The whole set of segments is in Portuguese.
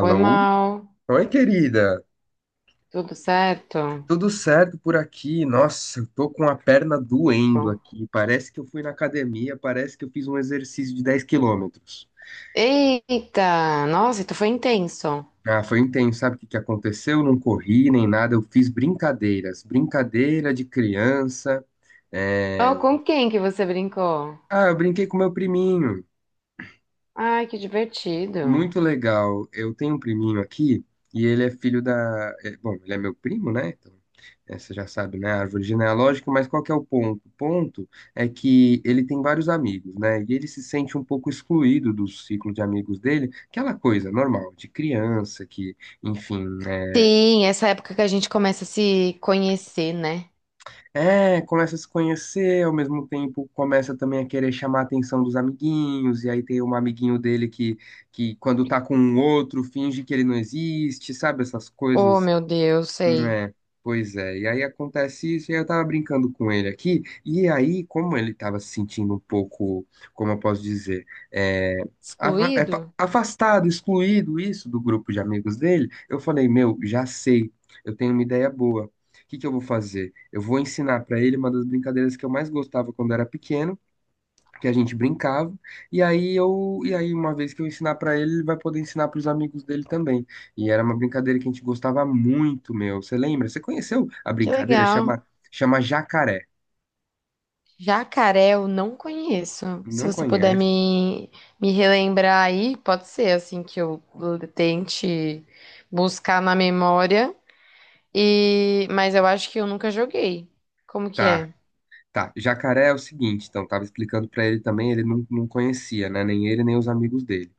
Oi, Mal. Oi, querida. Tudo certo? Tudo certo por aqui? Nossa, eu tô com a perna Que doendo bom. aqui. Parece que eu fui na academia, parece que eu fiz um exercício de 10 km. Eita! Nossa, então foi intenso. Ah, foi intenso. Sabe o que que aconteceu? Eu não corri nem nada, eu fiz brincadeiras. Brincadeira de criança. Oh, É... com quem que você brincou? Ah, eu brinquei com meu priminho. Ai, que divertido. Muito legal. Eu tenho um priminho aqui e ele é filho da. Bom, ele é meu primo, né? Então, você já sabe, né? Árvore genealógica, mas qual que é o ponto? O ponto é que ele tem vários amigos, né? E ele se sente um pouco excluído do ciclo de amigos dele, aquela coisa normal, de criança que, enfim, né? Sim, essa época que a gente começa a se conhecer, né? É, começa a se conhecer, ao mesmo tempo começa também a querer chamar a atenção dos amiguinhos, e aí tem um amiguinho dele que quando tá com um outro finge que ele não existe, sabe? Essas Oh, coisas. meu Deus, sei. É, pois é. E aí acontece isso, e aí eu tava brincando com ele aqui, e aí, como ele tava se sentindo um pouco, como eu posso dizer, é, Excluído? afastado, excluído isso do grupo de amigos dele, eu falei, meu, já sei, eu tenho uma ideia boa. O que que eu vou fazer? Eu vou ensinar pra ele uma das brincadeiras que eu mais gostava quando era pequeno, que a gente brincava. E aí uma vez que eu ensinar pra ele, ele vai poder ensinar pros amigos dele também. E era uma brincadeira que a gente gostava muito, meu. Você lembra? Você conheceu a Que brincadeira? legal. Chama Jacaré. Jacaré eu não conheço. Se Não você puder conhece? me, me relembrar aí, pode ser assim que eu tente buscar na memória. E, mas eu acho que eu nunca joguei. Como que Tá. é? Tá, jacaré é o seguinte, então, tava explicando pra ele também, ele não conhecia, né? Nem ele, nem os amigos dele.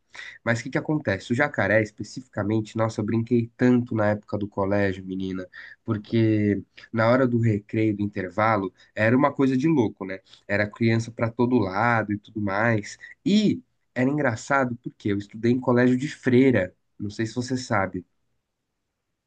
Mas o que que acontece? O jacaré, especificamente, nossa, eu brinquei tanto na época do colégio, menina, porque na hora do recreio, do intervalo, era uma coisa de louco, né? Era criança pra todo lado e tudo mais. E era engraçado porque eu estudei em colégio de freira, não sei se você sabe.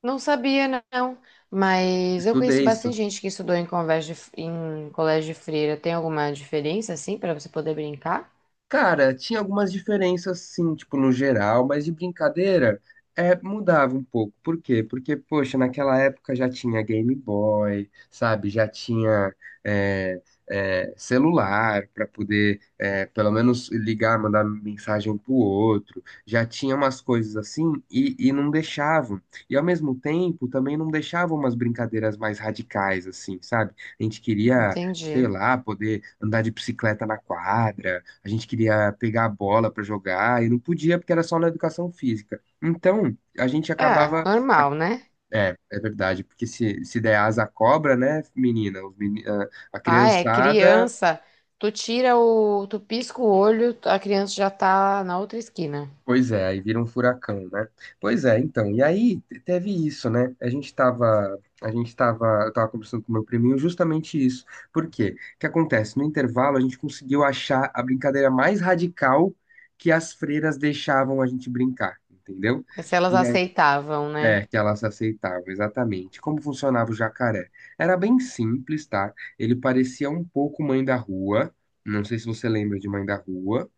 Não sabia, não. Mas eu conheço Estudei, bastante estudei gente que estudou em colégio de freira. Tem alguma diferença, assim, para você poder brincar? Cara, tinha algumas diferenças sim, tipo, no geral, mas de brincadeira, mudava um pouco. Por quê? Porque, poxa, naquela época já tinha Game Boy, sabe? Já tinha é, celular para poder, pelo menos, ligar, mandar mensagem um pro outro. Já tinha umas coisas assim e não deixavam. E, ao mesmo tempo, também não deixavam umas brincadeiras mais radicais, assim, sabe? A gente queria... Sei Entendi. lá, poder andar de bicicleta na quadra, a gente queria pegar a bola para jogar e não podia porque era só na educação física. Então, a gente É, acabava. a- normal, né? É, é verdade, porque se der asa à cobra, né, menina? Os meni- a Ah, é, criançada. criança. Tu tira o. Tu pisca o olho, a criança já tá na outra esquina. Pois é, aí vira um furacão, né? Pois é, então. E aí teve isso, né? A gente tava. A gente tava. Eu tava conversando com o meu priminho justamente isso. Por quê? O que acontece? No intervalo, a gente conseguiu achar a brincadeira mais radical que as freiras deixavam a gente brincar, entendeu? É. Se elas E aceitavam, né? é, que elas aceitavam, exatamente. Como funcionava o jacaré? Era bem simples, tá? Ele parecia um pouco Mãe da Rua. Não sei se você lembra de Mãe da Rua.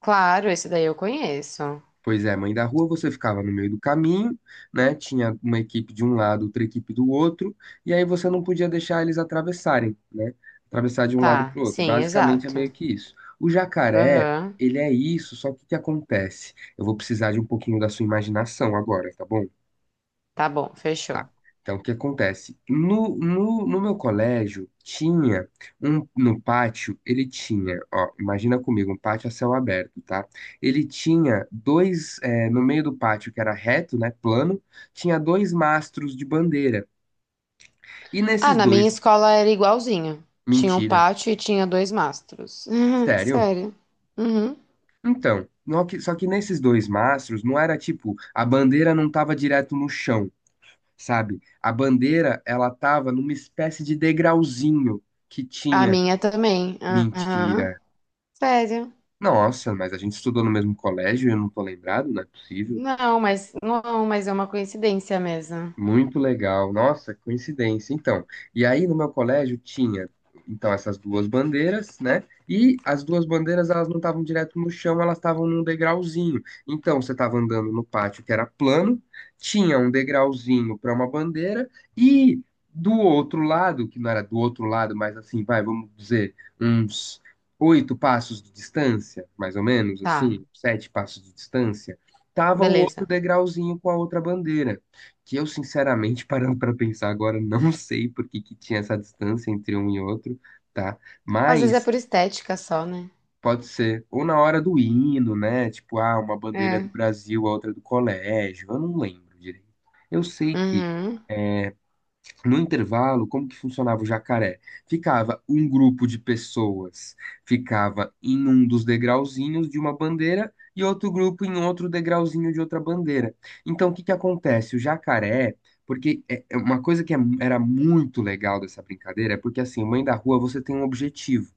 Claro, esse daí eu conheço. Pois é, Mãe da Rua, você ficava no meio do caminho, né? Tinha uma equipe de um lado, outra equipe do outro, e aí você não podia deixar eles atravessarem, né? Atravessar de um lado Tá, para o outro. sim, Basicamente é exato. meio que isso. O jacaré, Aham. ele é isso, só que o que acontece? Eu vou precisar de um pouquinho da sua imaginação agora, tá bom? Tá bom, fechou. Tá. Então, o que acontece? No meu colégio, tinha um, no pátio, ele tinha, ó, imagina comigo, um pátio a céu aberto, tá? Ele tinha dois, no meio do pátio, que era reto, né, plano, tinha dois mastros de bandeira. E Ah, nesses na minha dois, escola era igualzinho. Tinha um mentira, pátio e tinha dois mastros. sério? Sério. Uhum. Então, no que- só que nesses dois mastros, não era tipo, a bandeira não tava direto no chão, sabe? A bandeira, ela tava numa espécie de degrauzinho que A tinha. minha também. Mentira. Aham. Sério. Nossa, mas a gente estudou no mesmo colégio e eu não tô lembrado, não é possível. Não, mas é uma coincidência mesmo. Muito legal. Nossa, coincidência. Então, e aí no meu colégio tinha, então, essas duas bandeiras, né? E as duas bandeiras, elas não estavam direto no chão, elas estavam num degrauzinho. Então, você estava andando no pátio que era plano, tinha um degrauzinho para uma bandeira e do outro lado, que não era do outro lado, mas assim, vai, vamos dizer, uns oito passos de distância, mais ou menos, Tá, assim, sete passos de distância, tava o outro beleza. degrauzinho com a outra bandeira que eu, sinceramente, parando para pensar agora, não sei por que que tinha essa distância entre um e outro, tá? Às vezes é Mas por estética só, né? pode ser ou na hora do hino, né? Tipo, ah, uma bandeira é do É. Brasil, a outra é do colégio, eu não lembro direito. Eu sei que Uhum. no intervalo, como que funcionava o jacaré? Ficava um grupo de pessoas, ficava em um dos degrauzinhos de uma bandeira e outro grupo em outro degrauzinho de outra bandeira. Então, o que que acontece? O jacaré, porque é uma coisa que era muito legal dessa brincadeira é porque assim, mãe da rua, você tem um objetivo.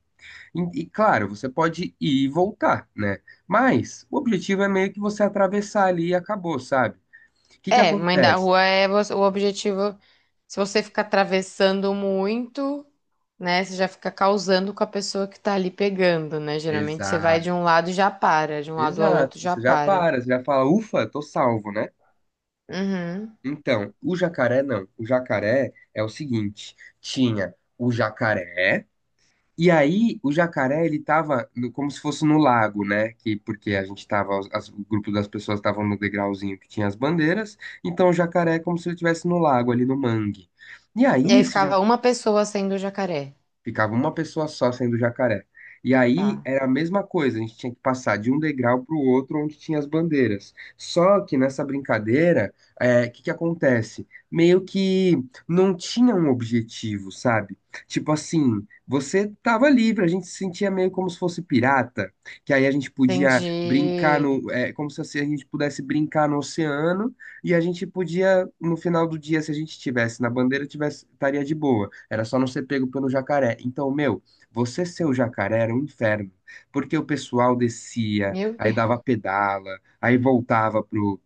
E, claro, você pode ir e voltar, né? Mas o objetivo é meio que você atravessar ali e acabou, sabe? O que que É, mãe da acontece? rua é o objetivo. Se você ficar atravessando muito, né? Você já fica causando com a pessoa que tá ali pegando, né? Geralmente você vai de um lado e já para, de um lado ao Exato, outro já você já para. para, você já fala, ufa, tô salvo, né? Uhum. Então, o jacaré não. O jacaré é o seguinte, tinha o jacaré, e aí o jacaré ele tava como se fosse no lago, né? Que porque a gente tava, o grupo das pessoas estavam no degrauzinho que tinha as bandeiras, então o jacaré é como se ele estivesse no lago ali no mangue. E E aí aí esse. ficava uma pessoa sendo o jacaré. Ficava uma pessoa só sendo jacaré. E aí Tá. era a mesma coisa, a gente tinha que passar de um degrau para o outro onde tinha as bandeiras. Só que nessa brincadeira, o que que acontece? Meio que não tinha um objetivo, sabe? Tipo assim, você tava livre, a gente se sentia meio como se fosse pirata, que aí a gente podia brincar Entendi. no, como se assim a gente pudesse brincar no oceano e a gente podia, no final do dia, se a gente tivesse na bandeira, tivesse, estaria de boa. Era só não ser pego pelo jacaré. Então, meu, você ser o jacaré era um inferno. Porque o pessoal descia, Meu aí Deus. dava pedala, aí voltava pro,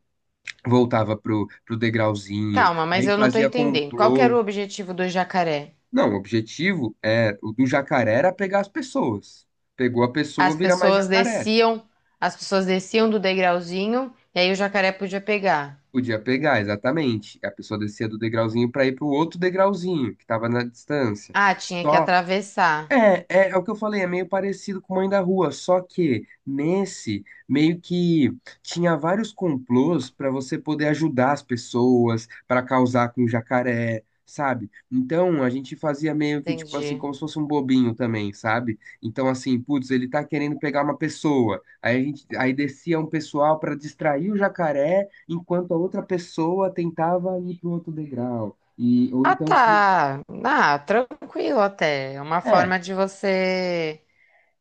voltava pro degrauzinho, Calma, mas aí eu não tô fazia entendendo. Qual que complô. era o objetivo do jacaré? Não, o objetivo é, o do jacaré era pegar as pessoas. Pegou a pessoa, As vira mais pessoas jacaré. desciam, as pessoas desciam do degrauzinho e aí o jacaré podia pegar. Podia pegar, exatamente. A pessoa descia do degrauzinho para ir para o outro degrauzinho, que estava na distância. Ah, tinha que Só atravessar. é o que eu falei, é meio parecido com Mãe da Rua, só que nesse meio que tinha vários complôs para você poder ajudar as pessoas, para causar com o jacaré, sabe? Então a gente fazia meio que tipo assim, Entendi. como se fosse um bobinho também, sabe? Então assim, putz, ele tá querendo pegar uma pessoa. Aí a gente, aí descia um pessoal para distrair o jacaré, enquanto a outra pessoa tentava ir pro outro degrau. E ou Ah, então, tá. Ah, tranquilo até. É uma é forma de você,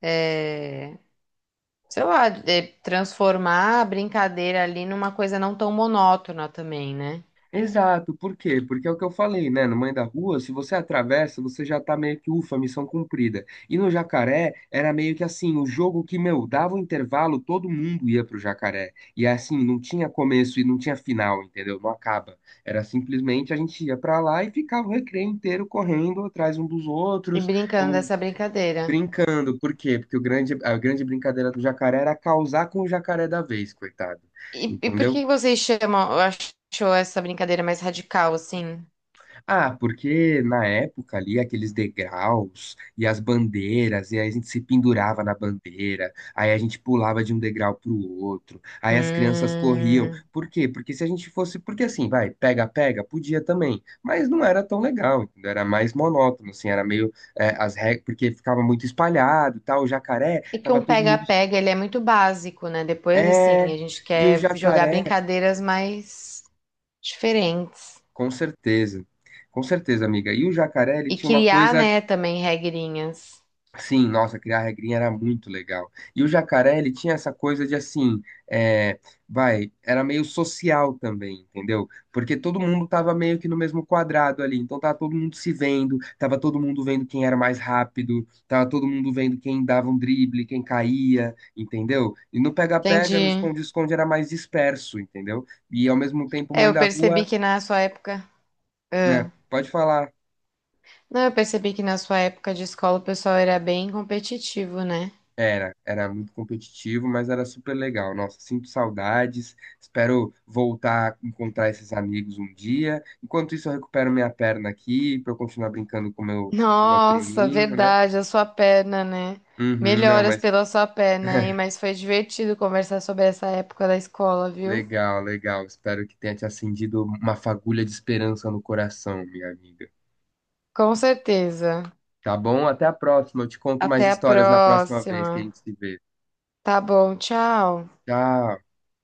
é, sei lá, é, transformar a brincadeira ali numa coisa não tão monótona também, né? exato, por quê? Porque é o que eu falei, né? No Mãe da Rua, se você atravessa, você já tá meio que, ufa, missão cumprida. E no Jacaré, era meio que assim, o jogo que, meu, dava o intervalo, todo mundo ia pro Jacaré. E assim, não tinha começo e não tinha final, entendeu? Não acaba. Era simplesmente a gente ia pra lá e ficava o recreio inteiro correndo atrás um dos E outros, brincando ou dessa brincadeira. brincando. Por quê? Porque o grande, a grande brincadeira do Jacaré era causar com o Jacaré da vez, coitado. E por Entendeu? que vocês chamam, achou essa brincadeira mais radical, assim? Ah, porque na época ali, aqueles degraus e as bandeiras, e aí a gente se pendurava na bandeira, aí a gente pulava de um degrau pro outro, aí as crianças corriam. Hum, Por quê? Porque se a gente fosse, porque assim, vai, pega, pega, podia também, mas não era tão legal, entendeu? Era mais monótono, assim, era meio, as regras, porque ficava muito espalhado e tal, o jacaré, é que tava um todo mundo, pega-pega, ele é muito básico, né? Depois, é, assim, a gente e o quer jogar jacaré, brincadeiras mais diferentes. com certeza. Com certeza, amiga. E o jacaré, ele E tinha uma criar, coisa. né, também regrinhas. Sim, nossa, criar regrinha era muito legal. E o jacaré, ele tinha essa coisa de assim, é, vai, era meio social também, entendeu? Porque todo mundo tava meio que no mesmo quadrado ali, então tava todo mundo se vendo, tava todo mundo vendo quem era mais rápido, tava todo mundo vendo quem dava um drible, quem caía, entendeu? E no pega-pega, no Entendi. esconde-esconde era mais disperso, entendeu? E ao mesmo tempo, É, mãe eu da percebi rua, que na sua época... Ah. né? Pode falar. Não, eu percebi que na sua época de escola o pessoal era bem competitivo, né? Era, era muito competitivo, mas era super legal. Nossa, sinto saudades. Espero voltar a encontrar esses amigos um dia. Enquanto isso, eu recupero minha perna aqui para eu continuar brincando com meu Nossa, priminho, né? verdade, a sua perna, né? Uhum, não, Melhoras mas pela sua perna, hein? Mas foi divertido conversar sobre essa época da escola, viu? legal, legal. Espero que tenha te acendido uma fagulha de esperança no coração, minha amiga. Com certeza. Tá bom? Até a próxima. Eu te conto mais Até a histórias na próxima vez que a próxima. gente se vê. Tá bom, tchau. Tchau.